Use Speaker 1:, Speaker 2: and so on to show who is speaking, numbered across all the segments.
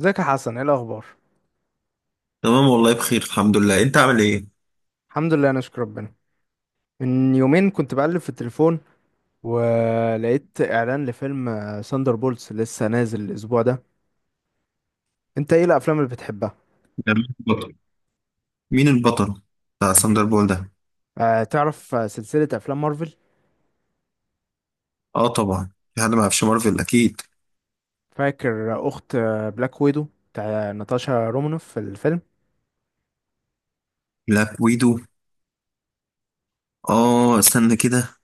Speaker 1: ازيك يا حسن، ايه الاخبار؟
Speaker 2: تمام والله بخير الحمد لله. انت عامل ايه؟
Speaker 1: الحمد لله، انا اشكر ربنا. من يومين كنت بقلب في التليفون ولقيت اعلان لفيلم ساندر بولتس لسه نازل الاسبوع ده. انت ايه الافلام اللي بتحبها؟
Speaker 2: ده مين البطل؟ مين البطل بتاع ساندر بول ده.
Speaker 1: آه، تعرف؟ سلسلة افلام مارفل.
Speaker 2: اه طبعا في حد ما يعرفش مارفل اكيد.
Speaker 1: فاكر اخت بلاك ويدو بتاع ناتاشا رومانوف في الفيلم.
Speaker 2: بلاك ويدو. اه استنى كده.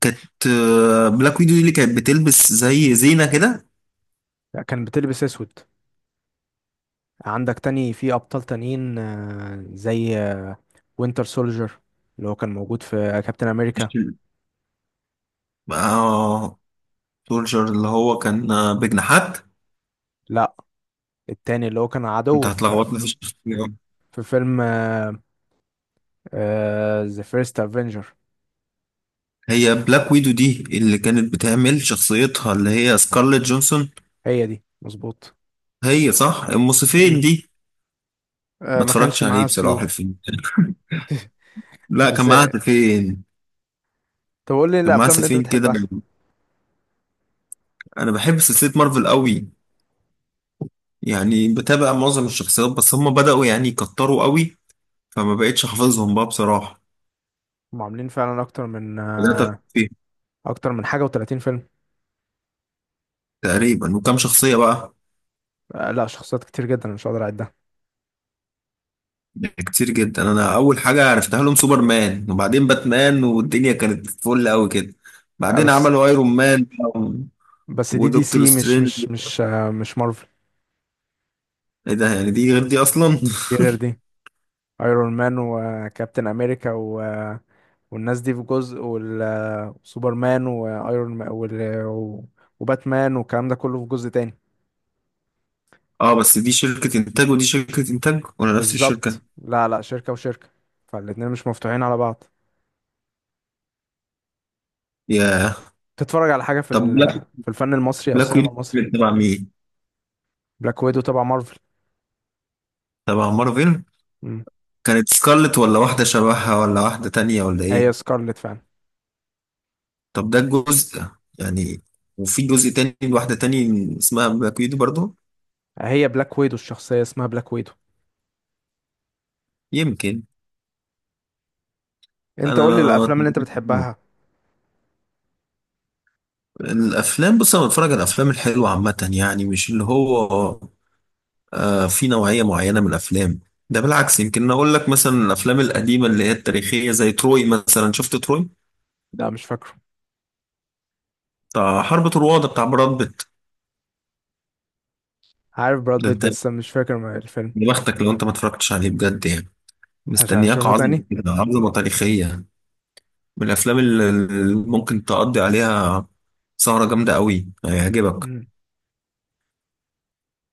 Speaker 2: كانت آه، بلاك ويدو دي اللي كانت بتلبس زي زينة كده.
Speaker 1: لا، كان بتلبس اسود. عندك تاني في ابطال تانيين، زي وينتر سولجر اللي هو كان موجود في كابتن
Speaker 2: مش
Speaker 1: امريكا.
Speaker 2: ال- اه سولجر اللي هو كان بجناحات.
Speaker 1: لا، التاني اللي هو كان
Speaker 2: انت
Speaker 1: عدو في آه،
Speaker 2: هتلخبطني في الشخصيات.
Speaker 1: في فيلم ذا فيرست افنجر.
Speaker 2: هي بلاك ويدو دي اللي كانت بتعمل شخصيتها اللي هي سكارليت جونسون.
Speaker 1: هي دي مظبوط.
Speaker 2: هي صح الموسيقين
Speaker 1: مم.
Speaker 2: دي.
Speaker 1: آه،
Speaker 2: ما
Speaker 1: ما
Speaker 2: اتفرجتش
Speaker 1: كانش
Speaker 2: عليه
Speaker 1: معاها
Speaker 2: بصراحة
Speaker 1: سيوف.
Speaker 2: الفيلم. لا كان
Speaker 1: بس
Speaker 2: معاها فين؟
Speaker 1: طب قول لي إيه
Speaker 2: كان معاه
Speaker 1: الافلام اللي انت
Speaker 2: سفين كده.
Speaker 1: بتحبها؟
Speaker 2: انا بحب سلسله مارفل قوي، يعني بتابع معظم الشخصيات بس هم بداوا يعني يكتروا قوي، فما بقتش حافظهم بقى بصراحه.
Speaker 1: هم عاملين فعلا اكتر من
Speaker 2: بدات أفهم
Speaker 1: آه
Speaker 2: فيه.
Speaker 1: اكتر من حاجه و30 فيلم.
Speaker 2: تقريبا وكم شخصيه بقى؟
Speaker 1: لا، شخصيات كتير جدا، أنا مش هقدر اعدها.
Speaker 2: كتير جدا. انا اول حاجه عرفتها لهم سوبرمان وبعدين باتمان والدنيا كانت فل قوي كده.
Speaker 1: آه
Speaker 2: بعدين
Speaker 1: بس
Speaker 2: عملوا ايرون مان بقى
Speaker 1: بس دي دي
Speaker 2: ودكتور
Speaker 1: سي مش
Speaker 2: سترينج.
Speaker 1: مش مش آه مش مارفل.
Speaker 2: ايه ده يعني دي غير دي اصلا؟
Speaker 1: دي غير دي. ايرون مان وكابتن امريكا والناس دي في جزء وسوبرمان وايرون مان وباتمان والكلام ده كله في جزء تاني.
Speaker 2: اه بس دي شركه انتاج ودي شركه انتاج ولا نفس الشركه؟
Speaker 1: بالظبط. لا، لا، شركة وشركة. فالاتنين مش مفتوحين على بعض.
Speaker 2: يا
Speaker 1: تتفرج على حاجة في
Speaker 2: طب
Speaker 1: ال- في الفن المصري أو
Speaker 2: بلاك
Speaker 1: السينما
Speaker 2: ويدو
Speaker 1: المصري؟
Speaker 2: تبع مين؟
Speaker 1: بلاك ويدو تبع مارفل.
Speaker 2: تبع مارفل.
Speaker 1: مم.
Speaker 2: كانت سكارلت ولا واحدة شبهها ولا واحدة تانية ولا إيه؟
Speaker 1: هي سكارلت فعلا.
Speaker 2: طب ده الجزء يعني. وفي جزء تاني لواحدة تانية اسمها باكيت برضو.
Speaker 1: هي بلاك ويدو، الشخصية اسمها بلاك ويدو.
Speaker 2: يمكن.
Speaker 1: أنت قول لي
Speaker 2: أنا
Speaker 1: الأفلام اللي أنت بتحبها.
Speaker 2: الأفلام بص أنا بتفرج على الأفلام الحلوة عامة، يعني مش اللي هو آه في نوعية معينة من الأفلام. ده بالعكس، يمكن أقول لك مثلا الأفلام القديمة اللي هي التاريخية زي تروي مثلا. شفت تروي؟
Speaker 1: لا، مش فاكره.
Speaker 2: بتاع حرب طروادة بتاع براد بيت.
Speaker 1: عارف براد
Speaker 2: ده أنت،
Speaker 1: بيت بس مش فاكر الفيلم.
Speaker 2: يا بختك لو أنت ما اتفرجتش عليه بجد يعني.
Speaker 1: عشان
Speaker 2: مستنياك
Speaker 1: أشوفه
Speaker 2: عظمة
Speaker 1: تاني.
Speaker 2: كده، عظمة تاريخية، من الافلام اللي ممكن تقضي عليها سهرة جامدة قوي. هيعجبك.
Speaker 1: مم.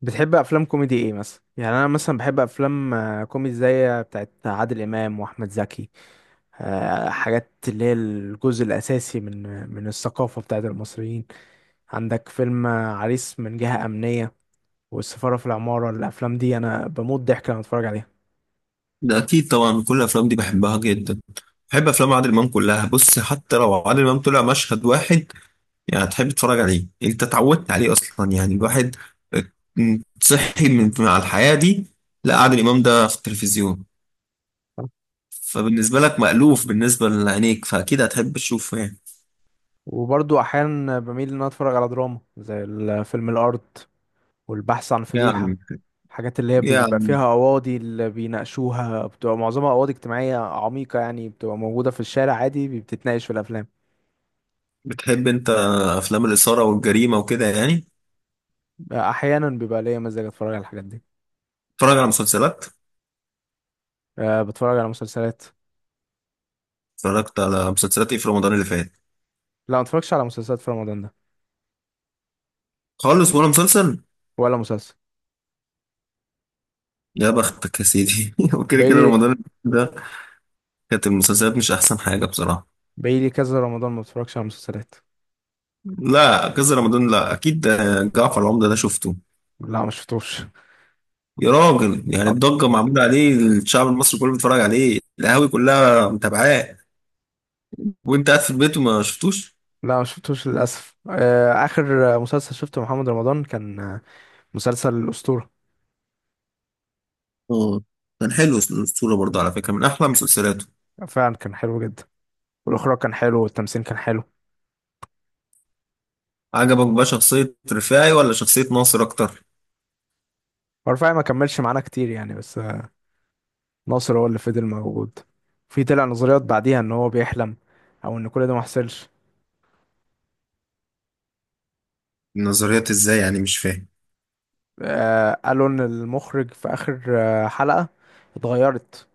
Speaker 1: بتحب أفلام كوميدي إيه مثلا؟ يعني أنا مثلا بحب أفلام كوميدي زي بتاعت عادل إمام وأحمد زكي. حاجات اللي هي الجزء الأساسي من الثقافة بتاعت المصريين. عندك فيلم عريس من جهة أمنية، والسفارة في العمارة، الأفلام دي أنا بموت ضحك لما أتفرج عليها.
Speaker 2: ده اكيد طبعا كل الافلام دي بحبها جدا. بحب افلام عادل امام كلها بص، حتى لو عادل امام طلع مشهد واحد يعني تحب تتفرج عليه، انت اتعودت عليه اصلا. يعني الواحد صحي من مع الحياة دي. لا عادل امام ده في التلفزيون، فبالنسبة لك مألوف بالنسبة لعينيك فأكيد هتحب تشوفه
Speaker 1: وبرضو أحيانا بميل إن أنا أتفرج على دراما زي فيلم الأرض والبحث عن فضيحة.
Speaker 2: يعني
Speaker 1: الحاجات اللي هي بيبقى
Speaker 2: يعني
Speaker 1: فيها قواضي اللي بيناقشوها بتبقى معظمها قواضي اجتماعية عميقة، يعني بتبقى موجودة في الشارع عادي، بتتناقش في الأفلام.
Speaker 2: بتحب أنت أفلام الإثارة والجريمة وكده يعني؟
Speaker 1: أحيانا بيبقى ليا مزاج أتفرج على الحاجات دي.
Speaker 2: تتفرج على مسلسلات؟
Speaker 1: أه، بتفرج على مسلسلات.
Speaker 2: اتفرجت على مسلسلات ايه في رمضان اللي فات؟
Speaker 1: لا، ما اتفرجش على مسلسلات في رمضان ده.
Speaker 2: خالص ولا مسلسل؟
Speaker 1: ولا مسلسل.
Speaker 2: يا بختك يا سيدي. وكده كده
Speaker 1: بقالي
Speaker 2: رمضان ده كانت المسلسلات مش احسن حاجه بصراحه.
Speaker 1: بقالي كذا رمضان ما اتفرجش على مسلسلات.
Speaker 2: لا كذا رمضان، لا اكيد. آه، جعفر العمده ده شفته.
Speaker 1: لا، ما شفتوش.
Speaker 2: يا راجل يعني
Speaker 1: أب-
Speaker 2: الضجه معموله عليه، الشعب المصري كله بيتفرج عليه، القهاوي كلها متابعاه، وانت قاعد في البيت وما شفتوش!
Speaker 1: لا، ما شفتوش للاسف. اخر مسلسل شفته محمد رمضان كان مسلسل الاسطوره.
Speaker 2: اه كان حلو الصوره برضه على فكره، من احلى مسلسلاته.
Speaker 1: فعلا كان حلو جدا. والاخراج كان حلو والتمثيل كان حلو.
Speaker 2: عجبك بقى شخصيه رفاعي ولا شخصيه ناصر اكتر؟
Speaker 1: ورفاعي ما كملش معانا كتير يعني، بس ناصر هو اللي فضل موجود. في طلع نظريات بعديها ان هو بيحلم او ان كل ده ما حصلش.
Speaker 2: النظريات ازاي يعني؟ مش فاهم.
Speaker 1: قالوا ان المخرج في اخر حلقه اتغيرت.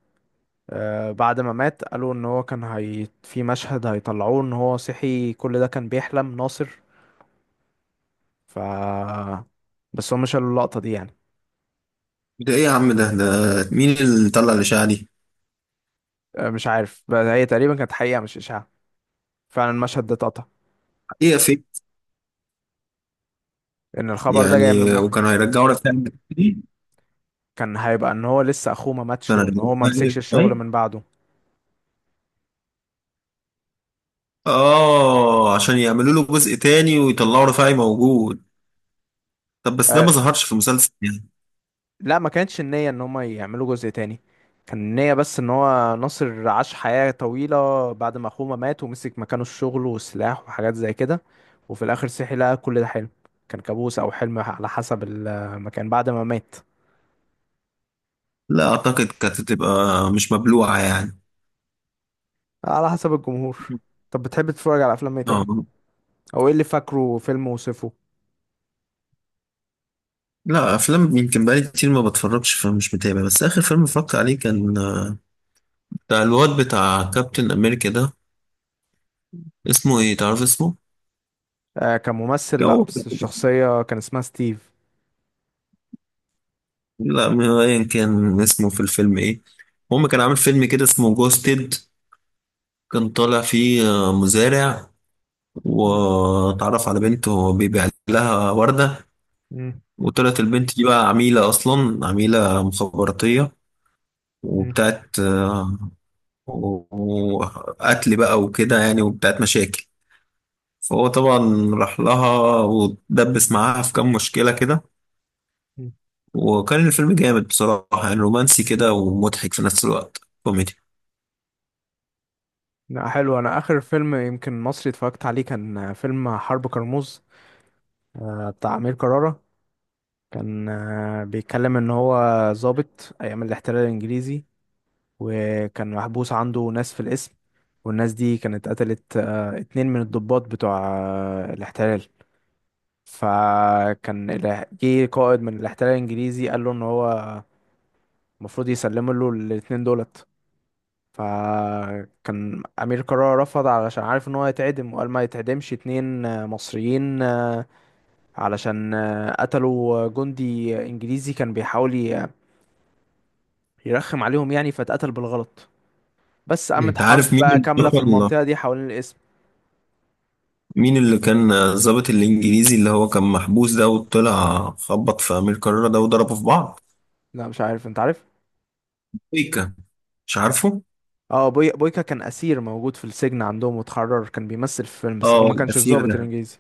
Speaker 1: بعد ما مات قالوا ان هو كان، هي في مشهد هيطلعوه ان هو صحي كل ده كان بيحلم ناصر. ف بس هم شالوا اللقطة دي يعني.
Speaker 2: ده ايه يا عم؟ ده مين اللي طلع الاشاعه دي؟
Speaker 1: مش عارف، بس هي تقريبا كانت حقيقة مش إشاعة. فعلا المشهد ده اتقطع.
Speaker 2: ايه فيك؟
Speaker 1: ان الخبر ده جاي من
Speaker 2: يعني
Speaker 1: المخرج.
Speaker 2: وكانوا هيرجعوا لك تاني؟
Speaker 1: كان هيبقى ان هو لسه اخوه ما ماتش
Speaker 2: كانوا
Speaker 1: وان
Speaker 2: هيرجعوا
Speaker 1: هو ما مسكش
Speaker 2: لك
Speaker 1: الشغل
Speaker 2: تاني.
Speaker 1: من بعده.
Speaker 2: اه، عشان يعملوا له جزء تاني ويطلعوا رفاعي موجود. طب بس ده
Speaker 1: آه،
Speaker 2: ما ظهرش في مسلسل يعني.
Speaker 1: لا، ما كانتش النية ان هما يعملوا جزء تاني. كان النية بس ان هو ناصر عاش حياة طويلة بعد ما اخوه ما مات ومسك مكانه الشغل والسلاح وحاجات زي كده. وفي الاخر صحي لقى كل ده حلم. كان كابوس او حلم على حسب المكان بعد ما مات.
Speaker 2: لا اعتقد كانت تبقى مش مبلوعه يعني.
Speaker 1: على حسب الجمهور. طب بتحب تتفرج على افلام ايه تاني؟
Speaker 2: اه.
Speaker 1: او ايه اللي فاكره فيلم وصفه؟
Speaker 2: لا، افلام يمكن بقالي كتير ما بتفرجش فمش متابع. بس اخر فيلم اتفرجت عليه كان بتاع الواد بتاع كابتن امريكا ده. اسمه ايه؟ تعرف اسمه؟
Speaker 1: آه، كممثل؟ لا،
Speaker 2: جو.
Speaker 1: بس الشخصية كان اسمها ستيف.
Speaker 2: لا ما هو ايا كان اسمه في الفيلم ايه، المهم كان عامل فيلم كده اسمه جوستد. كان طالع فيه مزارع
Speaker 1: مم.
Speaker 2: واتعرف على بنت وهو بيبيع لها وردة.
Speaker 1: مم.
Speaker 2: وطلعت البنت دي بقى عميلة، أصلا عميلة مخابراتية وبتاعت وقتل بقى وكده يعني وبتاعت مشاكل. فهو طبعا راح لها ودبس معاها في كام مشكلة كده.
Speaker 1: مم.
Speaker 2: وكان الفيلم جامد بصراحة، يعني رومانسي كده ومضحك في نفس الوقت، كوميدي.
Speaker 1: لا، حلو. انا اخر فيلم يمكن مصري اتفرجت عليه كان فيلم حرب كرموز. بتاع أمير كرارة. كان بيتكلم إن هو ضابط أيام الاحتلال الإنجليزي. وكان محبوس عنده ناس في القسم. والناس دي كانت قتلت اتنين من الضباط بتوع الاحتلال. فكان جه قائد من الاحتلال الإنجليزي قال له إن هو المفروض يسلم له الاتنين دولت. فكان أمير كرارة رفض علشان عارف إن هو هيتعدم، وقال ما يتعدمش اتنين مصريين علشان قتلوا جندي انجليزي كان بيحاول يرخم عليهم يعني فاتقتل بالغلط. بس قامت
Speaker 2: انت
Speaker 1: حرب
Speaker 2: عارف
Speaker 1: بقى
Speaker 2: مين
Speaker 1: كاملة في
Speaker 2: اللي
Speaker 1: المنطقة دي حوالين الاسم.
Speaker 2: كان الضابط الانجليزي اللي هو كان محبوس ده وطلع خبط في امير كرارة ده وضربه في بعض؟
Speaker 1: لا، مش عارف. انت عارف؟
Speaker 2: بيكا. مش عارفه.
Speaker 1: اه، بويكا كان اسير موجود في السجن عندهم واتحرر، كان بيمثل في فيلم بس هو
Speaker 2: اه
Speaker 1: ما كانش
Speaker 2: الاسير
Speaker 1: الضابط
Speaker 2: ده.
Speaker 1: الانجليزي.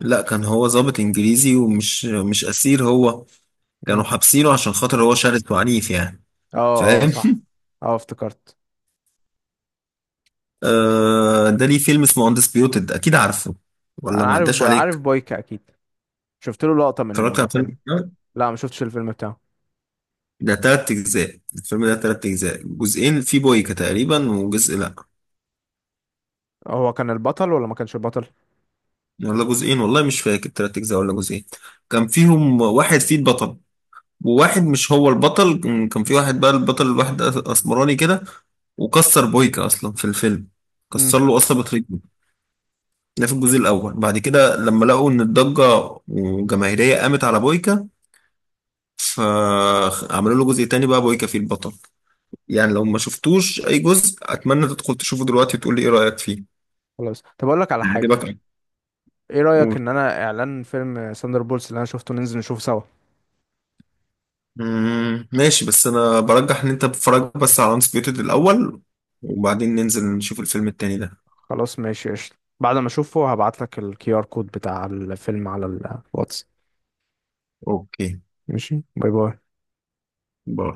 Speaker 2: لا، كان هو ضابط انجليزي ومش مش اسير هو. كانوا
Speaker 1: مم.
Speaker 2: حابسينه عشان خاطر هو شرس وعنيف يعني.
Speaker 1: اه، اه،
Speaker 2: فاهم؟
Speaker 1: صح. اه، افتكرت.
Speaker 2: آه ده ليه فيلم اسمه اندسبيوتد، اكيد عارفه ولا
Speaker 1: انا
Speaker 2: ما عداش
Speaker 1: عارف
Speaker 2: عليك؟
Speaker 1: بويكا اكيد. شفت له لقطة
Speaker 2: اتفرجت
Speaker 1: من
Speaker 2: على
Speaker 1: فيلم.
Speaker 2: الفيلم ده؟
Speaker 1: لا، ما شفتش الفيلم بتاعه.
Speaker 2: ده تلات اجزاء، الفيلم ده تلات اجزاء. جزئين في بويكا تقريبا وجزء لا.
Speaker 1: هو كان البطل ولا ما كانش البطل؟
Speaker 2: ولا جزئين والله مش فاكر، تلات أجزاء ولا جزئين. كان فيهم واحد فيه البطل وواحد مش هو البطل. كان في واحد بقى البطل، الواحد أسمراني كده، وكسر بويكا أصلا في الفيلم، كسر
Speaker 1: امم.
Speaker 2: له قصبة رجله. ده في الجزء الأول. بعد كده لما لقوا إن الضجة وجماهيرية قامت على بويكا فعملوا له جزء تاني بقى بويكا فيه البطل. يعني لو ما شفتوش أي جزء أتمنى تدخل تشوفه دلوقتي وتقول لي إيه رأيك فيه.
Speaker 1: خلاص، طب اقول لك على حاجة.
Speaker 2: عجبك؟
Speaker 1: ايه رأيك ان انا، اعلان فيلم ساندر بولز اللي انا شفته، ننزل نشوفه سوا؟
Speaker 2: مم، ماشي. بس انا برجح ان انت تتفرج بس على انسبيوتد الاول وبعدين ننزل نشوف الفيلم التاني ده.
Speaker 1: خلاص، ماشي، قشطة. بعد ما اشوفه هبعت لك الـQR كود بتاع الفيلم على الواتس.
Speaker 2: اوكي.
Speaker 1: ماشي، باي باي.
Speaker 2: باي.